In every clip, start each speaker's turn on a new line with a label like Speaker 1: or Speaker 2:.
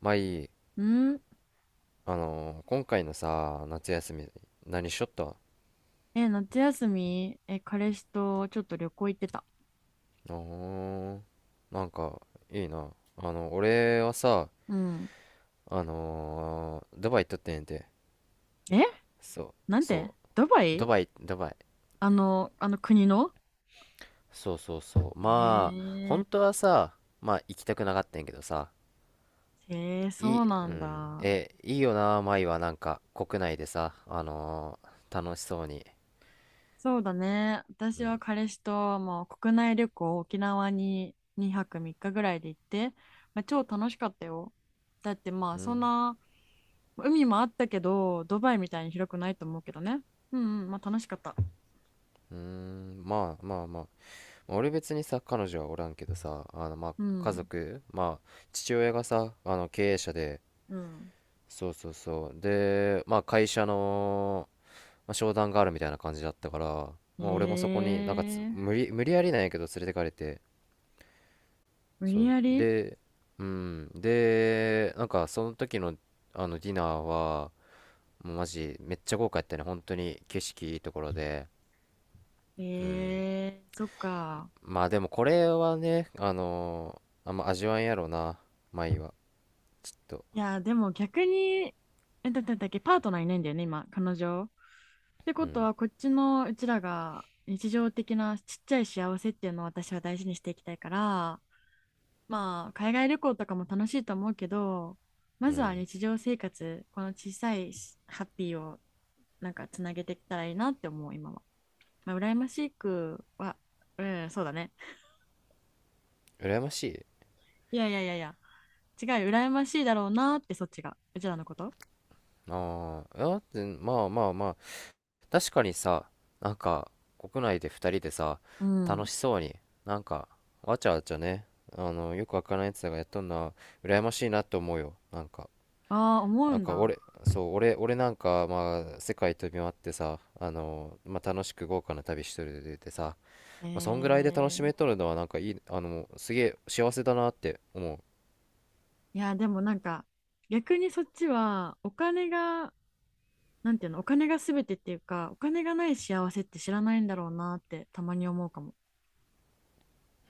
Speaker 1: まあいい。
Speaker 2: うん。
Speaker 1: 今回のさ、夏休み、何しよった
Speaker 2: え、夏休み、え、彼氏とちょっと旅行行ってた。
Speaker 1: ーなんか、いいな。俺はさ、
Speaker 2: うん。
Speaker 1: ドバイ行っとってんやて。
Speaker 2: え、
Speaker 1: そう、
Speaker 2: なんで。
Speaker 1: そう。
Speaker 2: ドバ
Speaker 1: ド
Speaker 2: イ。
Speaker 1: バイ、ドバイ。
Speaker 2: あの、あの国の。
Speaker 1: そうそうそう。
Speaker 2: え
Speaker 1: まあ、
Speaker 2: ー、
Speaker 1: 本当はさ、まあ行きたくなかったんやけどさ、
Speaker 2: そうな
Speaker 1: う
Speaker 2: ん
Speaker 1: ん、
Speaker 2: だ。
Speaker 1: いいよな、舞はなんか、国内でさ、楽しそうに。
Speaker 2: そうだね。
Speaker 1: う
Speaker 2: 私は
Speaker 1: ん、
Speaker 2: 彼氏ともう国内旅行、沖縄に2泊3日ぐらいで行って、まあ、超楽しかったよ。だってまあ
Speaker 1: う
Speaker 2: そん
Speaker 1: ん、
Speaker 2: な、海もあったけど、ドバイみたいに広くないと思うけどね。うんうん、まあ楽しかった。
Speaker 1: うーん、まあまあまあ。俺別にさ彼女はおらんけどさ、まあ
Speaker 2: う
Speaker 1: 家
Speaker 2: ん、
Speaker 1: 族、まあ父親がさ、経営者で、
Speaker 2: うん。
Speaker 1: そうそうそう。で、まあ会社の、まあ、商談があるみたいな感じだったから、まあ俺もそこになんかつ
Speaker 2: ええ。
Speaker 1: 無理、無理やりなんやけど連れてかれて、
Speaker 2: 無
Speaker 1: そ
Speaker 2: 理
Speaker 1: う
Speaker 2: やり。
Speaker 1: で、うん、で、なんかその時のディナーはもうマジめっちゃ豪華やったね。本当に景色いいところで。
Speaker 2: そっか。
Speaker 1: まあでもこれはね、あんま味わえんやろうな、舞は、と。
Speaker 2: いや、でも逆に、え、だっけ、パートナーいないんだよね、今、彼女。って
Speaker 1: う
Speaker 2: こと
Speaker 1: ん
Speaker 2: は、こっちのうちらが日常的なちっちゃい幸せっていうのを私は大事にしていきたいから、まあ、海外旅行とかも楽しいと思うけど、
Speaker 1: う
Speaker 2: まずは
Speaker 1: ん。
Speaker 2: 日常生活、この小さいしハッピーをなんかつなげていけたらいいなって思う、今は。まあ、羨ましくは、うん、そうだね。
Speaker 1: 羨ましい。
Speaker 2: いやいやいやいや。違う、羨ましいだろうなって、そっちが、うちらのこと。
Speaker 1: ああ、だってまあまあまあ、確かにさ、なんか国内で2人でさ、
Speaker 2: う
Speaker 1: 楽
Speaker 2: ん。
Speaker 1: しそうに、なんかわちゃわちゃね、よくわからないやつらがやっとんな。羨ましいなと思うよ、なんか。
Speaker 2: ああ、思う
Speaker 1: なん
Speaker 2: ん
Speaker 1: か
Speaker 2: だ。
Speaker 1: 俺、そう、俺なんか、まあ世界飛び回ってさ、まあ楽しく豪華な旅しとるでさ、
Speaker 2: へ
Speaker 1: まあそんぐらいで楽し
Speaker 2: え。
Speaker 1: めとるのはなんかいい、すげえ幸せだなって思う。
Speaker 2: いや、でもなんか、逆にそっちは、お金が、なんていうの、お金が全てっていうか、お金がない幸せって知らないんだろうなって、たまに思うかも。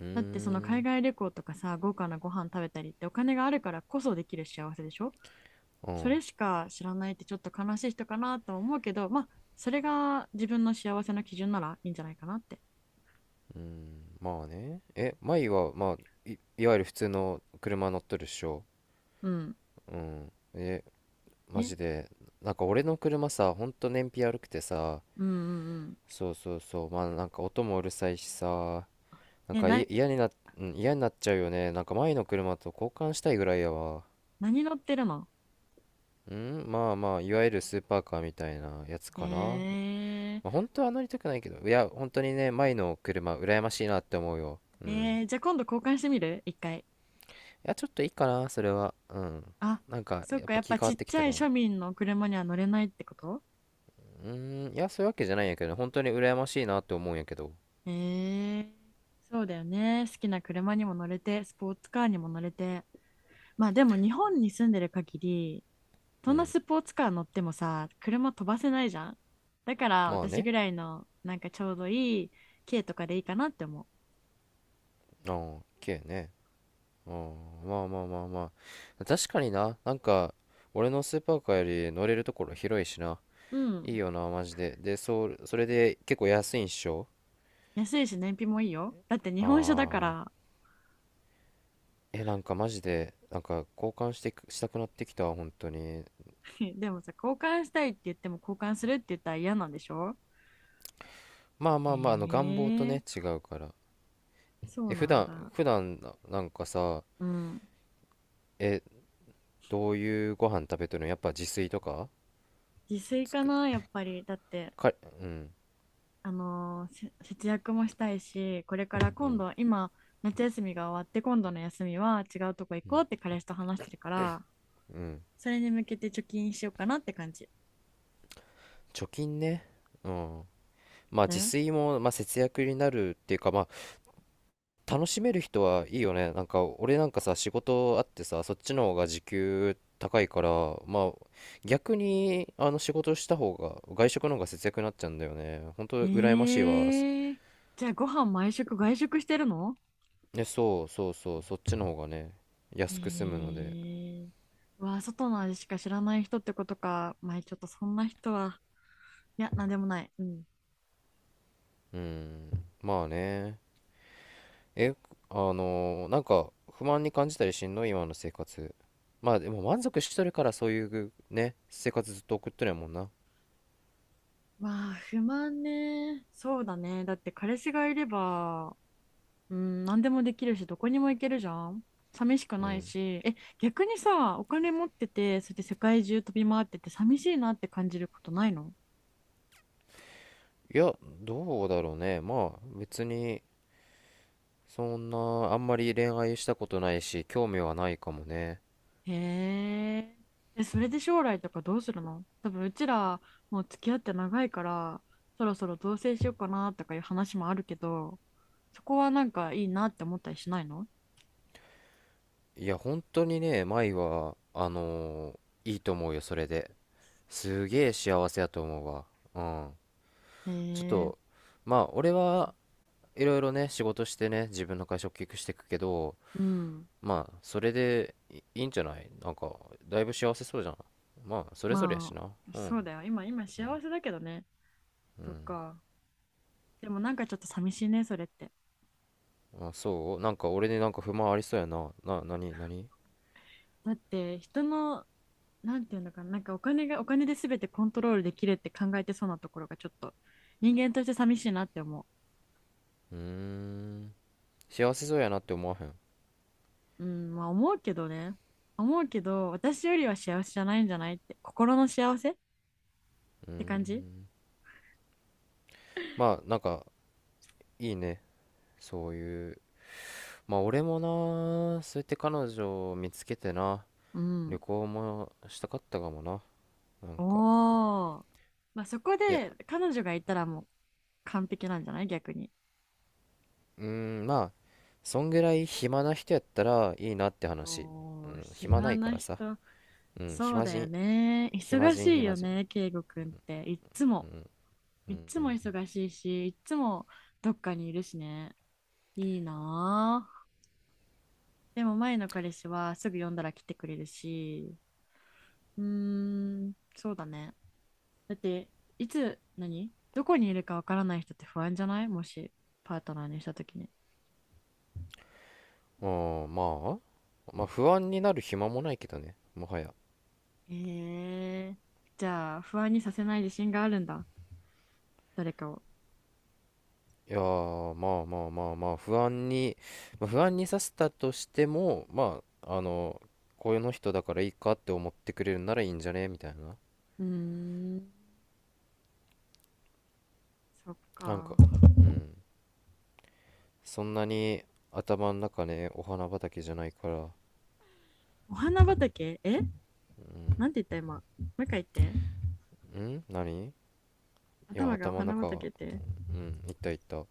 Speaker 1: うー
Speaker 2: だって、その海
Speaker 1: ん。
Speaker 2: 外旅行とかさ、豪華なご飯食べたりって、お金があるからこそできる幸せでしょ？
Speaker 1: う
Speaker 2: そ
Speaker 1: ん。
Speaker 2: れしか知らないって、ちょっと悲しい人かなとは思うけど、まあ、それが自分の幸せの基準ならいいんじゃないかなって。
Speaker 1: まあね。マイは、まあ、いわゆる普通の車乗っとるっしょ。
Speaker 2: うん。
Speaker 1: うん。マジ
Speaker 2: え。
Speaker 1: で。なんか俺の車さ、ほんと燃費悪くてさ、
Speaker 2: うんうん。
Speaker 1: そうそうそう。まあなんか音もうるさいしさ、なん
Speaker 2: え、
Speaker 1: か
Speaker 2: な、
Speaker 1: 嫌にな、うん、嫌になっちゃうよね。なんか前の車と交換したいぐらいやわ。
Speaker 2: 何乗ってるの？
Speaker 1: うん、まあまあ、いわゆるスーパーカーみたいなやつかな。
Speaker 2: え
Speaker 1: まあ、本当は乗りたくないけど、いや、本当にね、前の車、羨ましいなって思うよ。うん。
Speaker 2: じゃあ今度交換してみる一回。
Speaker 1: や、ちょっといいかな、それは。うん。
Speaker 2: あ、
Speaker 1: なんか、
Speaker 2: そっ
Speaker 1: やっ
Speaker 2: か、や
Speaker 1: ぱ
Speaker 2: っ
Speaker 1: 気
Speaker 2: ぱ
Speaker 1: 変
Speaker 2: ち
Speaker 1: わっ
Speaker 2: っ
Speaker 1: てき
Speaker 2: ちゃ
Speaker 1: た
Speaker 2: い
Speaker 1: か
Speaker 2: 庶
Speaker 1: も。
Speaker 2: 民の車には乗れないってこと？
Speaker 1: うーん、いや、そういうわけじゃないんやけどね、本当に羨ましいなって思うんやけど。
Speaker 2: えー、そうだよね。好きな車にも乗れて、スポーツカーにも乗れて。まあでも日本に住んでる限り、ど
Speaker 1: う
Speaker 2: んな
Speaker 1: ん。
Speaker 2: スポーツカー乗ってもさ、車飛ばせないじゃん。だから
Speaker 1: まあ
Speaker 2: 私
Speaker 1: ね。
Speaker 2: ぐらいの、なんかちょうどいい軽とかでいいかなって思う。
Speaker 1: ああ、綺麗ね。ああ、まあまあまあまあ。確かにな、なんか、俺のスーパーカーより乗れるところ広いしな。
Speaker 2: う
Speaker 1: いい
Speaker 2: ん。
Speaker 1: よな、マジで。で、そう、それで結構安いんっしょ？
Speaker 2: 安いし燃費もいいよ。だって日本車だか
Speaker 1: あ
Speaker 2: ら。
Speaker 1: あ、なんかマジで、なんか交換したくなってきたわ、本当に。
Speaker 2: でもさ、交換したいって言っても交換するって言ったら嫌なんでしょ？
Speaker 1: まあまあまあ、願望と
Speaker 2: えー
Speaker 1: ね、違うから。
Speaker 2: そう
Speaker 1: 普
Speaker 2: なん
Speaker 1: 段、
Speaker 2: だ。
Speaker 1: 普段な、なんかさ、
Speaker 2: うん。
Speaker 1: え、どういうご飯食べてるの？やっぱ自炊とか
Speaker 2: 自炊かな、やっぱり。だって、
Speaker 1: か、うん、
Speaker 2: あのーせ節約もしたいし、これから
Speaker 1: う
Speaker 2: 今
Speaker 1: ん、
Speaker 2: 度、今、夏休みが終わって、今度の休みは違うとこ行
Speaker 1: う
Speaker 2: こう
Speaker 1: ん、
Speaker 2: って彼氏と話してるから、
Speaker 1: うん。
Speaker 2: それに向けて貯金しようかなって感じ。
Speaker 1: 貯金ね。うん。まあ自炊も、まあ、節約になるっていうか、まあ楽しめる人はいいよね。なんか俺なんかさ、仕事あってさ、そっちの方が時給高いから、まあ逆に仕事した方が、外食の方が節約になっちゃうんだよね。本
Speaker 2: え
Speaker 1: 当羨ましいわ。
Speaker 2: えー。じゃあご飯毎食外食してるの？
Speaker 1: ね、そうそうそう、そっちの方がね、
Speaker 2: え
Speaker 1: 安く済むので。
Speaker 2: ー、うわ、外の味しか知らない人ってことか。まあ、ちょっとそんな人は、いや、なんでもない。うん。
Speaker 1: うん、まあね。えなんか不満に感じたりしんの？今の生活。まあでも満足しとるから、そういうね生活ずっと送ってるやもんな。
Speaker 2: まあ、不満ね。そうだね。だって彼氏がいれば、うん、何でもできるし、どこにも行けるじゃん。寂しく
Speaker 1: う
Speaker 2: ない
Speaker 1: ん。
Speaker 2: し。え、逆にさ、お金持ってて、それで世界中飛び回ってて、寂しいなって感じることないの？
Speaker 1: いや、どうだろうね、まあ別に、そんな、あんまり恋愛したことないし、興味はないかもね。
Speaker 2: へえ。え、それで将来とかどうするの？多分うちらもう付き合って長いから、そろそろ同棲しようかなとかいう話もあるけど、そこはなんかいいなって思ったりしないの？
Speaker 1: いや本当にね、舞はいいと思うよそれで。すげえ幸せやと思うわ。うん。
Speaker 2: へ
Speaker 1: ちょっ
Speaker 2: え。
Speaker 1: と。まあ俺は、いろいろね、仕事してね、自分の会社を大きくしていくけど、
Speaker 2: うん。
Speaker 1: まあ、それでいいいんじゃない、なんか、だいぶ幸せそうじゃん。まあ、それぞれやし
Speaker 2: ま
Speaker 1: な。
Speaker 2: あ、
Speaker 1: うん。
Speaker 2: そうだよ。今幸せだけどね。そっか。でもなんかちょっと寂しいね、それって。
Speaker 1: まあ、そう、なんか俺になんか不満ありそうやな。なに、なに？
Speaker 2: だって人の、なんていうのかな、なんかお金がお金で全てコントロールできるって考えてそうなところがちょっと人間として寂しいなって思う。
Speaker 1: うーん。幸せそうやなって思わへん。
Speaker 2: うん、まあ思うけどね。思うけど、私よりは幸せじゃないんじゃない？って、心の幸せって感じ。
Speaker 1: まあ、なんか、いいね。そういう。まあ、俺もな、そうやって彼女を見つけてな、
Speaker 2: う
Speaker 1: 旅
Speaker 2: ん。
Speaker 1: 行もしたかったかもな。なん
Speaker 2: お
Speaker 1: か。
Speaker 2: お。まあそこ
Speaker 1: いや、
Speaker 2: で彼女がいたらもう完璧なんじゃない？逆に。
Speaker 1: うーん、まあ、そんぐらい暇な人やったらいいなって話。う
Speaker 2: おー、
Speaker 1: ん、暇な
Speaker 2: 暇
Speaker 1: いか
Speaker 2: な
Speaker 1: らさ。
Speaker 2: 人。
Speaker 1: うん、
Speaker 2: そう
Speaker 1: 暇
Speaker 2: だよ
Speaker 1: 人、
Speaker 2: ね。
Speaker 1: 暇
Speaker 2: 忙し
Speaker 1: 人、
Speaker 2: い
Speaker 1: 暇
Speaker 2: よ
Speaker 1: 人。
Speaker 2: ね、圭吾くんって。いっつも。
Speaker 1: う
Speaker 2: いっ
Speaker 1: ん、
Speaker 2: つ
Speaker 1: う
Speaker 2: も
Speaker 1: ん。
Speaker 2: 忙しいし、いっつもどっかにいるしね。いいなぁ。でも前の彼氏はすぐ呼んだら来てくれるし。うーん、そうだね。だっていつ何どこにいるかわからない人って不安じゃない？もしパートナーにした時に。
Speaker 1: あー、まあ、まあ、不安になる暇もないけどね、もはや。
Speaker 2: えーじゃあ不安にさせない自信があるんだ？誰かを。
Speaker 1: いやー、まあまあまあまあ、不安に、まあ、不安にさせたとしても、まあ、こうういうの人だからいいかって思ってくれるならいいんじゃねみたいな。
Speaker 2: うーん。そっ
Speaker 1: なん
Speaker 2: か。
Speaker 1: か、うん。そんなに頭の中ね、お花畑じゃないから。
Speaker 2: お花畑？え、
Speaker 1: う
Speaker 2: なん
Speaker 1: ん。
Speaker 2: て言った今？もう一回言って。
Speaker 1: ん？何？いや、
Speaker 2: 頭がお
Speaker 1: 頭の
Speaker 2: 花畑っ
Speaker 1: 中、
Speaker 2: て。
Speaker 1: うん、いったいった。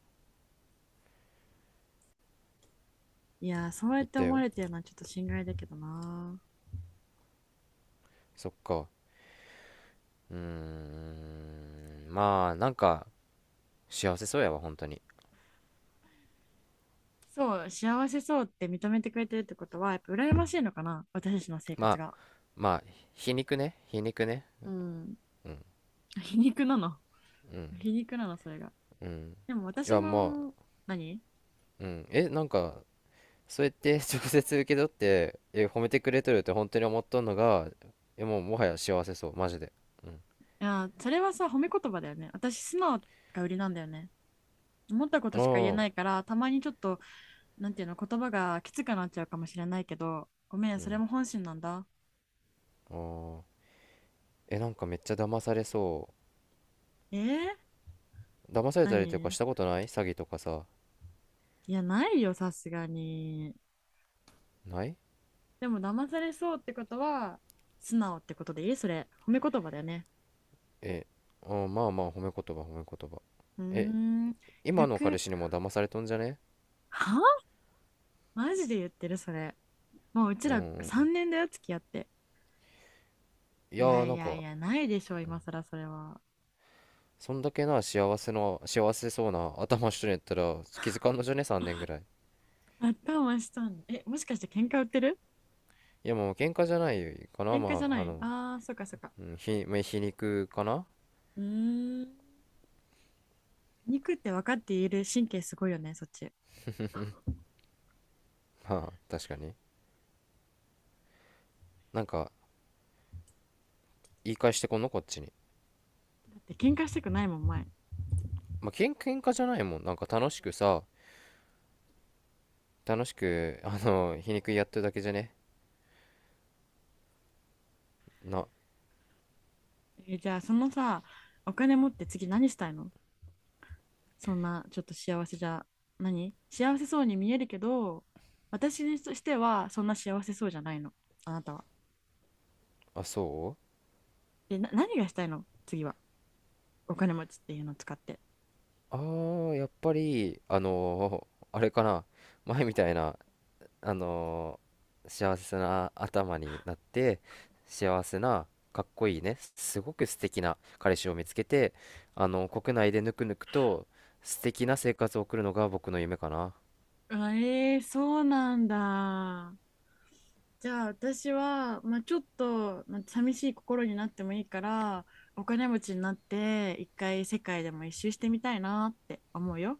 Speaker 2: いやー、そうやっ
Speaker 1: いっ
Speaker 2: て
Speaker 1: た
Speaker 2: 思わ
Speaker 1: よ。
Speaker 2: れてるのはちょっと心外だけどな。
Speaker 1: そっか。うん、まあ、なんか、幸せそうやわ、本当に。
Speaker 2: そう、幸せそうって認めてくれてるってことはやっぱ羨ましいのかな、私たちの生
Speaker 1: ま
Speaker 2: 活
Speaker 1: あ、
Speaker 2: が。
Speaker 1: まあ、皮肉ね、皮肉ね。
Speaker 2: うん。皮肉なの？
Speaker 1: うん、
Speaker 2: 皮肉なのそれが。
Speaker 1: うん。
Speaker 2: でも
Speaker 1: い
Speaker 2: 私
Speaker 1: や、ま
Speaker 2: も、
Speaker 1: あ、
Speaker 2: 何？い
Speaker 1: うん。なんか、そうやって 直接受け取って、褒めてくれとるって本当に思っとんのが、もう、もはや幸せそう、マジで。うん。
Speaker 2: や、それはさ、褒め言葉だよね。私、素直が売りなんだよね。思ったこと
Speaker 1: あ
Speaker 2: しか言え
Speaker 1: あ、
Speaker 2: ないから、たまにちょっと、なんていうの、言葉がきつくなっちゃうかもしれないけど、ごめん、
Speaker 1: う
Speaker 2: それ
Speaker 1: ん。
Speaker 2: も本心なんだ。
Speaker 1: ああ。なんかめっちゃ騙されそ
Speaker 2: えー、
Speaker 1: う。騙されたりとか
Speaker 2: 何？
Speaker 1: したことない？詐欺とかさ。
Speaker 2: いや、ないよ、さすがに。
Speaker 1: ない？
Speaker 2: でも、騙されそうってことは、素直ってことでいい？それ。褒め言葉だよね。
Speaker 1: え、まあまあ、褒め言葉、褒め言葉。
Speaker 2: うー
Speaker 1: え、
Speaker 2: ん。
Speaker 1: 今の彼
Speaker 2: 逆。
Speaker 1: 氏にも騙されとんじゃね？
Speaker 2: は？マジで言ってる、それ？もう、うち
Speaker 1: うんう
Speaker 2: ら
Speaker 1: ん。
Speaker 2: 3年だよ、付き合って。
Speaker 1: い
Speaker 2: い
Speaker 1: や
Speaker 2: や
Speaker 1: ー、
Speaker 2: い
Speaker 1: なん
Speaker 2: やい
Speaker 1: か、
Speaker 2: や、ないでしょ、今更それは。
Speaker 1: そんだけな幸せそうな頭しとんやったら気づかんのじゃね？ 3 年ぐらい。
Speaker 2: 頭したんだ。え、もしかして喧嘩売ってる？
Speaker 1: いやもう喧嘩じゃないかな。
Speaker 2: 喧嘩じ
Speaker 1: ま
Speaker 2: ゃ
Speaker 1: あ、
Speaker 2: ない、ああー、そっかそっか。
Speaker 1: うん、まあ皮肉かな。
Speaker 2: うーん。肉って分かっている神経すごいよね、そっち。だ
Speaker 1: まあ、確かに。なんか、言い返してこんのこっちに。
Speaker 2: って喧嘩したくないもん、前。
Speaker 1: まあ、喧嘩じゃないもん。なんか楽しくさ、楽しく、皮肉やってるだけじゃねな、
Speaker 2: じゃあ、そのさ、お金持って次何したいの？そんな、ちょっと幸せじゃ、何？幸せそうに見えるけど、私にとしてはそんな幸せそうじゃないの、あなたは。
Speaker 1: あ、そう、
Speaker 2: で、何がしたいの次は？お金持ちっていうのを使って。
Speaker 1: ああ、やっぱり、あれかな、前みたいな、あのー幸せな頭になって、幸せな、かっこいいね、すごく素敵な彼氏を見つけて、国内でぬくぬくと素敵な生活を送るのが僕の夢かな。
Speaker 2: あ。そうなんだ。じゃあ私は、まあ、ちょっと、まあ、寂しい心になってもいいからお金持ちになって一回世界でも一周してみたいなって思うよ。